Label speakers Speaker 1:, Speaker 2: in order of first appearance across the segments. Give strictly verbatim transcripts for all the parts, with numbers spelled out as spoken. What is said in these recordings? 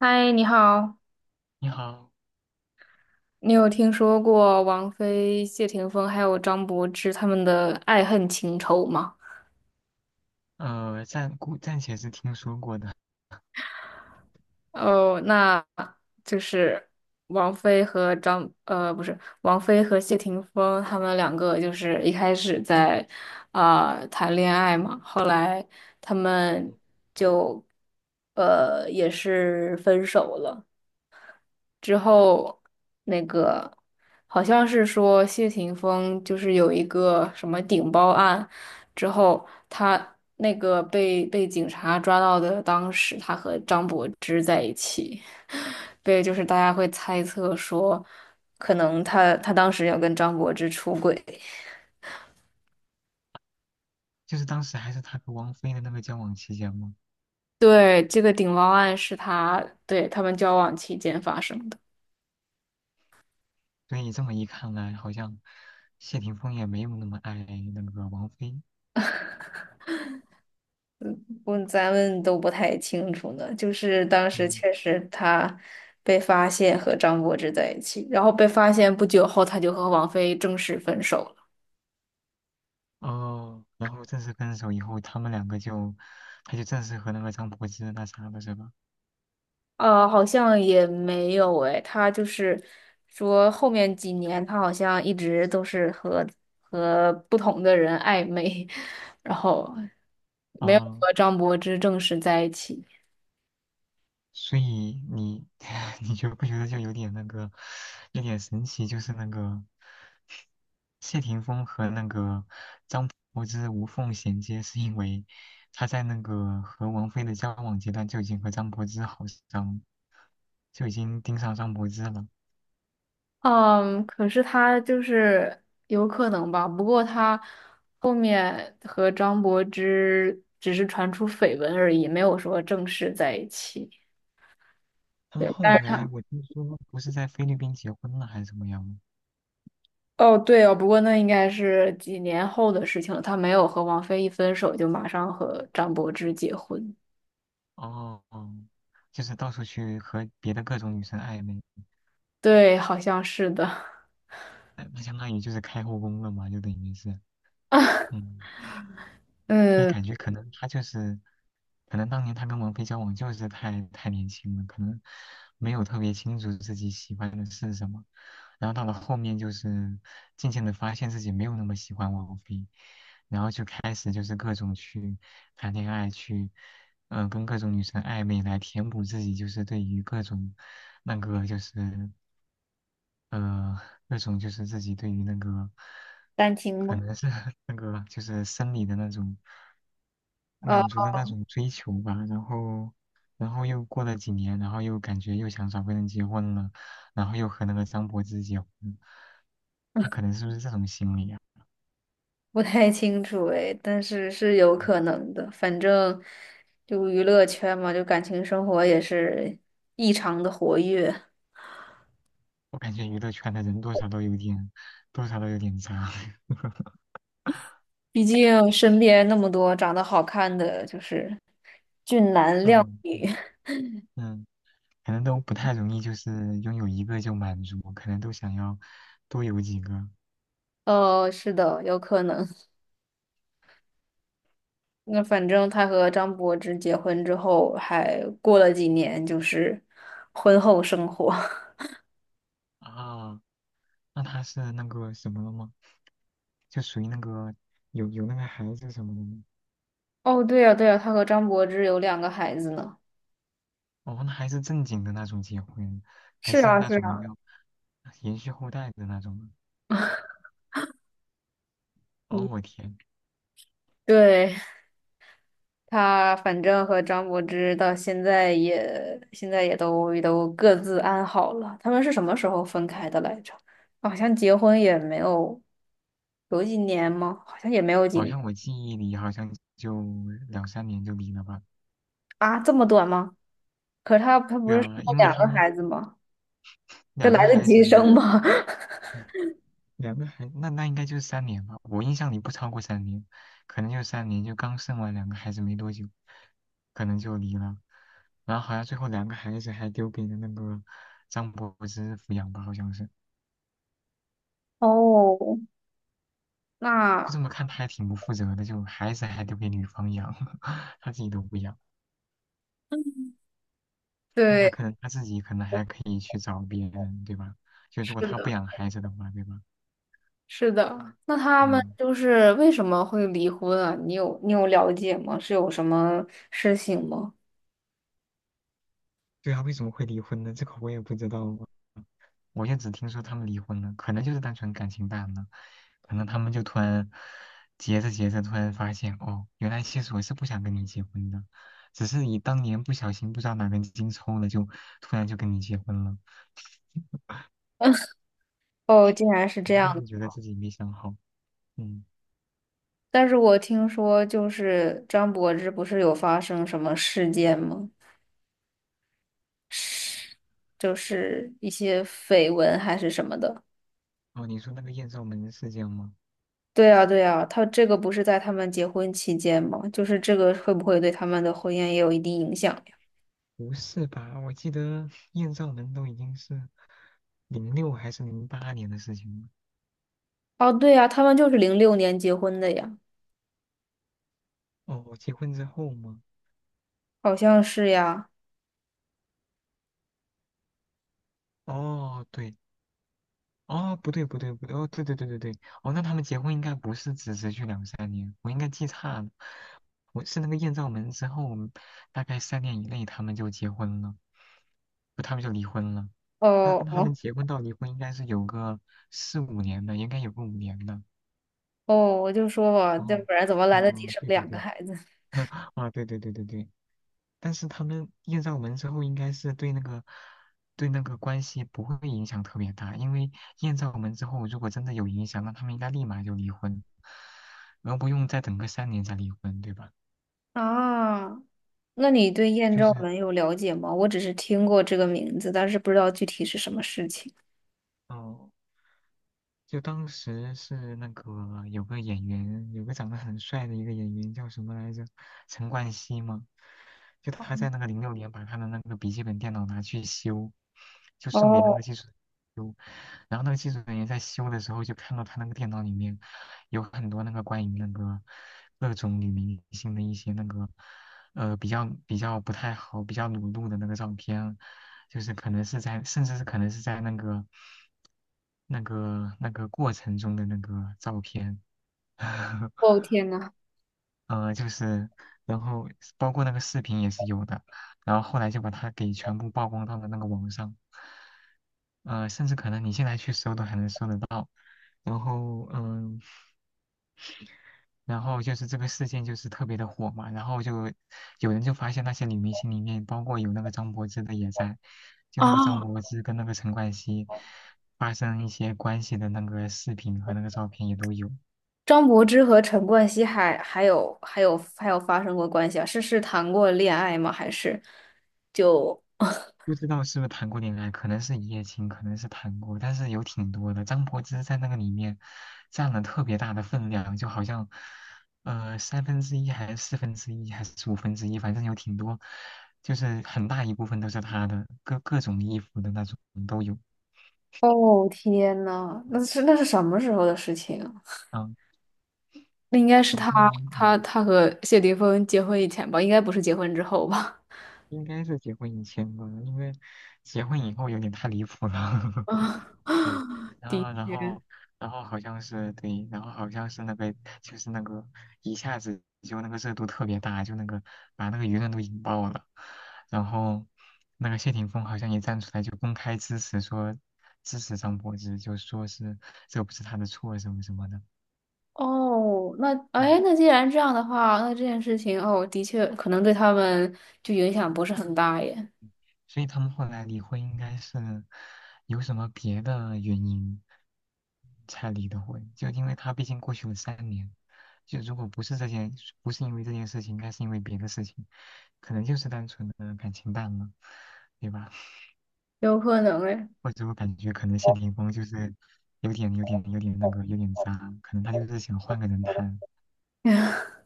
Speaker 1: 嗨，你好，
Speaker 2: 你好。
Speaker 1: 你有听说过王菲、谢霆锋还有张柏芝他们的爱恨情仇吗？
Speaker 2: 呃，暂姑暂且是听说过的。
Speaker 1: 哦，那就是王菲和张，呃，不是，王菲和谢霆锋他们两个就是一开始在啊、呃谈恋爱嘛，后来他们就呃也是分手了。之后那个好像是说谢霆锋就是有一个什么顶包案，之后他那个被被警察抓到的，当时他和张柏芝。对，就是大家会猜测说，可能他他当时要跟张柏芝出轨。
Speaker 2: 就是当时还是他和王菲的那个交往期间嘛。
Speaker 1: 对，这个顶包案是他对他们交往期间发生的。
Speaker 2: 所以这么一看来，好像谢霆锋也没有那么爱那个王菲。
Speaker 1: 我咱们都不太清楚呢，就是当时
Speaker 2: 嗯。
Speaker 1: 确实他被发现和张柏芝在一起，然后被发现不久后，他就和王菲正式分手了。
Speaker 2: 哦，然后正式分手以后，他们两个就，他就正式和那个张柏芝那啥了，是吧？
Speaker 1: 呃，好像也没有诶，他就是说后面几年他好像一直都是和和不同的人暧昧，然后没有
Speaker 2: 哦，
Speaker 1: 和张柏芝正式在一起。
Speaker 2: 所以你 你觉不觉得就有点那个，有点神奇？就是那个谢霆锋和那个张柏芝无缝衔接，是因为他在那个和王菲的交往阶段就已经和张柏芝好上，就已经盯上张柏芝了。
Speaker 1: 嗯，可是他就是有可能吧，不过他后面和张柏芝只是传出绯闻而已，没有说正式在一起。
Speaker 2: 他们
Speaker 1: 对，但
Speaker 2: 后
Speaker 1: 是
Speaker 2: 来
Speaker 1: 他，
Speaker 2: 我听说不是在菲律宾结婚了还是怎么样？
Speaker 1: 哦，对哦，不过那应该是几年后的事情了，他没有和王菲一分手就马上和张柏芝结婚。
Speaker 2: 哦，就是到处去和别的各种女生暧昧。
Speaker 1: 对，好像是的。
Speaker 2: 那那相当于就是开后宫了嘛，就等于是。嗯。所以
Speaker 1: 嗯，
Speaker 2: 感觉可能他就是，可能当年他跟王菲交往就是太太年轻了，可能没有特别清楚自己喜欢的是什么，然后到了后面就是渐渐的发现自己没有那么喜欢王菲，然后就开始就是各种去谈恋爱，去嗯、呃跟各种女生暧昧来填补自己就是对于各种那个就是呃，那种就是自己对于那个，
Speaker 1: 单亲
Speaker 2: 可
Speaker 1: 吗？
Speaker 2: 能是 那个就是生理的那种满足的那种追求吧。然后，然后又过了几年，然后又感觉又想找个人结婚了，然后又和那个张柏芝结婚。他可能是不是这种心理啊？
Speaker 1: 不太清楚哎，但是是有可能的。反正就娱乐圈嘛，就感情生活也是异常的活跃。
Speaker 2: 我感觉娱乐圈的人多少都有点，多少都有点渣。
Speaker 1: 毕竟身边那么多长得好看的，就是俊男
Speaker 2: 嗯
Speaker 1: 靓
Speaker 2: 嗯，对。
Speaker 1: 女。
Speaker 2: 嗯，可能都不太容易，就是拥有一个就满足，可能都想要多有几个。
Speaker 1: 哦，是的，有可能。那反正他和张柏芝结婚之后，还过了几年，就是婚后生活。
Speaker 2: 啊。那他是那个什么了吗？就属于那个有有那个孩子什么的吗？
Speaker 1: 哦，对呀，对呀，他和张柏芝有两个孩子呢。
Speaker 2: 哦，那还是正经的那种结婚，还
Speaker 1: 是
Speaker 2: 是
Speaker 1: 啊，
Speaker 2: 那
Speaker 1: 是
Speaker 2: 种
Speaker 1: 啊，
Speaker 2: 要延续后代的那种吗？
Speaker 1: 嗯，
Speaker 2: 哦，我天。
Speaker 1: 对。他反正和张柏芝到现在也现在也都也都各自安好了。他们是什么时候分开的来着？好像结婚也没有有几年吗？好像也没有几。
Speaker 2: 好像我记忆里好像就两三年就离了吧？
Speaker 1: 啊，这么短吗？可是他他不
Speaker 2: 对
Speaker 1: 是生
Speaker 2: 啊，
Speaker 1: 了
Speaker 2: 因为
Speaker 1: 两
Speaker 2: 他
Speaker 1: 个
Speaker 2: 们
Speaker 1: 孩子吗？这
Speaker 2: 两个
Speaker 1: 来得
Speaker 2: 孩
Speaker 1: 及
Speaker 2: 子，
Speaker 1: 生吗？
Speaker 2: 两个孩，那那应该就是三年吧。我印象里不超过三年，可能就三年，就刚生完两个孩子没多久，可能就离了。然后好像最后两个孩子还丢给了那个张柏芝抚养吧，好像是。
Speaker 1: 哦，
Speaker 2: 就
Speaker 1: 那
Speaker 2: 这么看，他还挺不负责的，就孩子还丢给女方养。他自己都不养。那他
Speaker 1: 对，
Speaker 2: 可能他自己可能还可以去找别人，对吧？就如
Speaker 1: 是
Speaker 2: 果他不
Speaker 1: 的，
Speaker 2: 养孩子的话，对吧？
Speaker 1: 是的。那他们
Speaker 2: 嗯。
Speaker 1: 就是为什么会离婚啊？你有你有了解吗？是有什么事情吗？
Speaker 2: 对啊，为什么会离婚呢？这个我也不知道啊。我就只听说他们离婚了，可能就是单纯感情淡了，可能他们就突然结着结着，突然发现哦，原来其实我是不想跟你结婚的，只是你当年不小心不知道哪根筋抽了，就突然就跟你结婚了。
Speaker 1: 哦，竟然是
Speaker 2: 可
Speaker 1: 这
Speaker 2: 能就
Speaker 1: 样。
Speaker 2: 是觉得自己没想好。嗯。
Speaker 1: 但是我听说就是张柏芝不是有发生什么事件吗？是，就是一些绯闻还是什么的。
Speaker 2: 哦，你说那个艳照门事件吗？
Speaker 1: 对啊，对啊，他这个不是在他们结婚期间吗？就是这个会不会对他们的婚姻也有一定影响呀？
Speaker 2: 不是吧？我记得艳照门都已经是零六还是零八年的事情
Speaker 1: 哦，对呀，他们就是零六年结婚的呀，
Speaker 2: 了。哦，结婚之后吗？
Speaker 1: 好像是呀。
Speaker 2: 哦，对，哦，不对，不对，不对，哦，对对对对对。哦，那他们结婚应该不是只持续两三年，我应该记差了。我是那个艳照门之后，大概三年以内他们就结婚了。不，他们就离婚了。那
Speaker 1: 哦
Speaker 2: 他
Speaker 1: 哦
Speaker 2: 们结婚到离婚应该是有个四五年的，应该有个五年的。
Speaker 1: 哦，我就说吧，要
Speaker 2: 哦。
Speaker 1: 不然怎么来得及
Speaker 2: 哦，
Speaker 1: 生
Speaker 2: 对对
Speaker 1: 两个
Speaker 2: 对。
Speaker 1: 孩子
Speaker 2: 啊，对对对对对。但是他们艳照门之后，应该是对那个对那个关系不会影响特别大，因为艳照门之后，如果真的有影响，那他们应该立马就离婚，然后不用再等个三年再离婚，对吧？
Speaker 1: 啊？那你对艳
Speaker 2: 就
Speaker 1: 照
Speaker 2: 是，
Speaker 1: 门有了解吗？我只是听过这个名字，但是不知道具体是什么事情。
Speaker 2: 嗯、就当时是那个有个演员，有个长得很帅的一个演员叫什么来着？陈冠希吗？就他在那个零六年把他的那个笔记本电脑拿去修，就送给那
Speaker 1: 哦，
Speaker 2: 个技术修。然后那个技术人员在修的时候就看到他那个电脑里面有很多那个关于那个各种女明星的一些那个呃比较比较不太好、比较裸露的那个照片，就是可能是在，甚至是可能是在那个那个那个过程中的那个照片。
Speaker 1: 哦 天呐！
Speaker 2: 呃，就是然后包括那个视频也是有的，然后后来就把它给全部曝光到了那个网上。呃，甚至可能你现在去搜都还能搜得到。然后嗯、然后就是这个事件就是特别的火嘛，然后就有人就发现那些女明星里面，包括有那个张柏芝的也在，就那个张
Speaker 1: 啊，
Speaker 2: 柏芝跟那个陈冠希发生一些关系的那个视频和那个照片也都有。
Speaker 1: 张柏芝和陈冠希还还有还有还有发生过关系啊？是是谈过恋爱吗？还是就？
Speaker 2: 不知道是不是谈过恋爱，可能是一夜情，可能是谈过，但是有挺多的。张柏芝在那个里面占了特别大的分量，就好像，呃，三分之一还是四分之一还是五分之一，反正有挺多，就是很大一部分都是她的，各各种衣服的那种都有。
Speaker 1: 哦天呐，那是那是什么时候的事情啊？
Speaker 2: 嗯，
Speaker 1: 那应该是
Speaker 2: 好
Speaker 1: 他
Speaker 2: 像
Speaker 1: 他
Speaker 2: 嗯
Speaker 1: 他和谢霆锋结婚以前吧，应该不是结婚之后吧？
Speaker 2: 应该是结婚以前吧，因为结婚以后有点太离谱 了。
Speaker 1: 啊，
Speaker 2: 对，然
Speaker 1: 的
Speaker 2: 后然
Speaker 1: 确。
Speaker 2: 后然后好像是对，然后好像是那个就是那个一下子就那个热度特别大，就那个把那个舆论都引爆了。然后那个谢霆锋好像也站出来就公开支持说支持张柏芝，就说是这不是他的错什么什么的。
Speaker 1: 哦，那哎，那
Speaker 2: 嗯
Speaker 1: 既然这样的话，那这件事情哦，的确可能对他们就影响不是很大耶，
Speaker 2: 所以他们后来离婚应该是有什么别的原因才离的婚，就因为他毕竟过去了三年，就如果不是这件，不是因为这件事情，应该是因为别的事情，可能就是单纯的感情淡了，对吧？
Speaker 1: 有可能哎，
Speaker 2: 或者我感觉可能谢霆锋就是有点有点有点那个有点渣，可能他就是想换个人谈。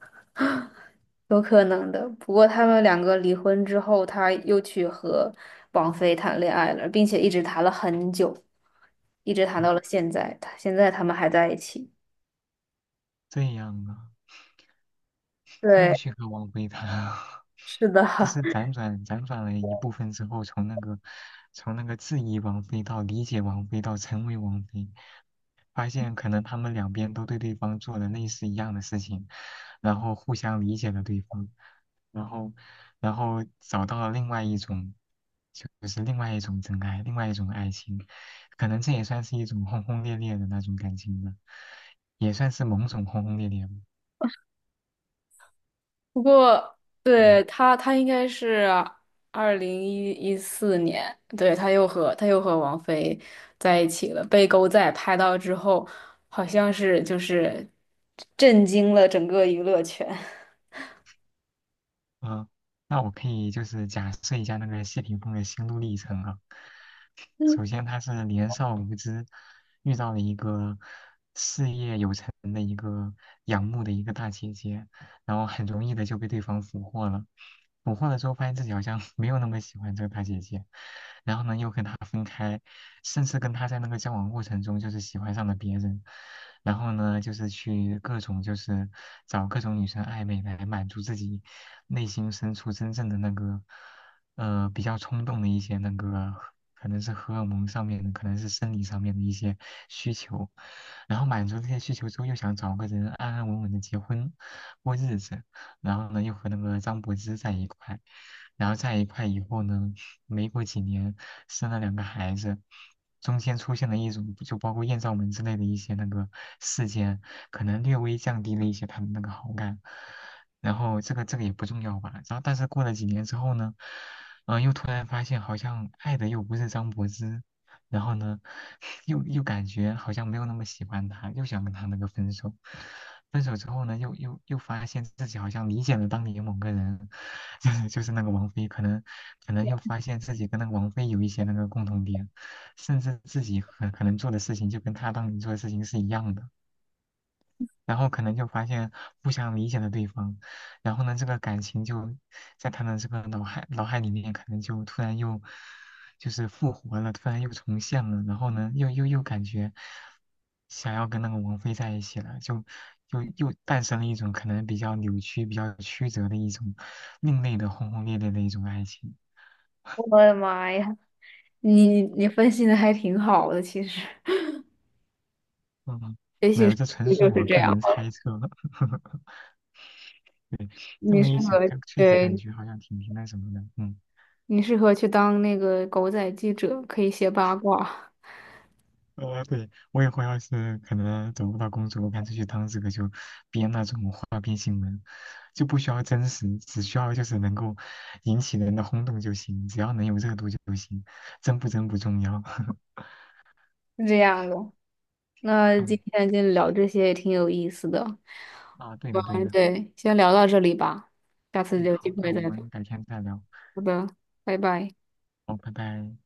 Speaker 1: 有可能的。不过他们两个离婚之后，他又去和王菲谈恋爱了，并且一直谈了很久，一直谈
Speaker 2: 哦，
Speaker 1: 到了现在。他现在他们还在一起。
Speaker 2: 这样啊。又
Speaker 1: 对，
Speaker 2: 去和王菲谈啊。
Speaker 1: 是的。
Speaker 2: 这是 辗转辗转了一部分之后，从那个从那个质疑王菲到理解王菲到成为王菲，发现可能他们两边都对对方做了类似一样的事情，然后互相理解了对方，然后然后找到了另外一种，就是另外一种真爱，另外一种爱情。可能这也算是一种轰轰烈烈的那种感情吧，也算是某种轰轰烈烈，
Speaker 1: 不过，
Speaker 2: 对吧。
Speaker 1: 对他，他应该是二零一一四年，对，他又和他又和王菲在一起了，被狗仔拍到之后，好像是就是震惊了整个娱乐圈。
Speaker 2: 嗯，那我可以就是假设一下那个谢霆锋的心路历程啊。首 先他是年少无知，遇到了一个事业有成的一个仰慕的一个大姐姐，然后很容易的就被对方俘获了。俘获了之后，发现自己好像 没有那么喜欢这个大姐姐，然后呢又跟她分开，甚至跟她在那个交往过程中就是喜欢上了别人，然后呢就是去各种就是找各种女生暧昧来满足自己内心深处真正的那个呃比较冲动的一些那个。可能是荷尔蒙上面的，可能是生理上面的一些需求。然后满足这些需求之后，又想找个人安安稳稳的结婚过日子，然后呢，又和那个张柏芝在一块，然后在一块以后呢，没过几年生了两个孩子，中间出现了一种就包括艳照门之类的一些那个事件，可能略微降低了一些他的那个好感。然后这个这个也不重要吧。然后但是过了几年之后呢，嗯、又突然发现好像爱的又不是张柏芝。然后呢，又又感觉好像没有那么喜欢他，又想跟他那个分手。分手之后呢，又又又发现自己好像理解了当年某个人，就是就是那个王菲。可能可能又发现自己跟那个王菲有一些那个共同点，甚至自己可可能做的事情就跟他当年做的事情是一样的。然后可能就发现互相理解了对方，然后呢，这个感情就在他的这个脑海脑海里面，可能就突然又就是复活了，突然又重现了，然后呢，又又又感觉想要跟那个王菲在一起了，就又又诞生了一种可能比较扭曲、比较曲折的一种另类的轰轰烈烈的一种爱情。
Speaker 1: 我的妈呀，你你分析的还挺好的，其实，
Speaker 2: 嗯，
Speaker 1: 也
Speaker 2: 没
Speaker 1: 许
Speaker 2: 有，
Speaker 1: 是
Speaker 2: 这纯
Speaker 1: 就
Speaker 2: 属
Speaker 1: 是
Speaker 2: 我
Speaker 1: 这
Speaker 2: 个
Speaker 1: 样
Speaker 2: 人
Speaker 1: 吧
Speaker 2: 猜测。这
Speaker 1: 你
Speaker 2: 么
Speaker 1: 适
Speaker 2: 一想，
Speaker 1: 合，
Speaker 2: 就确实感
Speaker 1: 对，
Speaker 2: 觉好像挺挺那什么的。嗯。
Speaker 1: 你适合去当那个狗仔记者，可以写八卦，
Speaker 2: 呃，对，我以后要是可能找不到工作，我干脆去当这个，就编那种花边新闻，就不需要真实，只需要就是能够引起人的轰动就行，只要能有热度就行，真不真不重要。
Speaker 1: 是这样的。那今
Speaker 2: 嗯，
Speaker 1: 天就聊这些也挺有意思的。
Speaker 2: 啊，对的对
Speaker 1: 嗯，
Speaker 2: 的。
Speaker 1: 对，先聊到这里吧，下次
Speaker 2: 嗯，
Speaker 1: 有机
Speaker 2: 好，那
Speaker 1: 会
Speaker 2: 我
Speaker 1: 再聊。
Speaker 2: 们改天再聊。
Speaker 1: 好的，拜拜。
Speaker 2: 好，拜拜。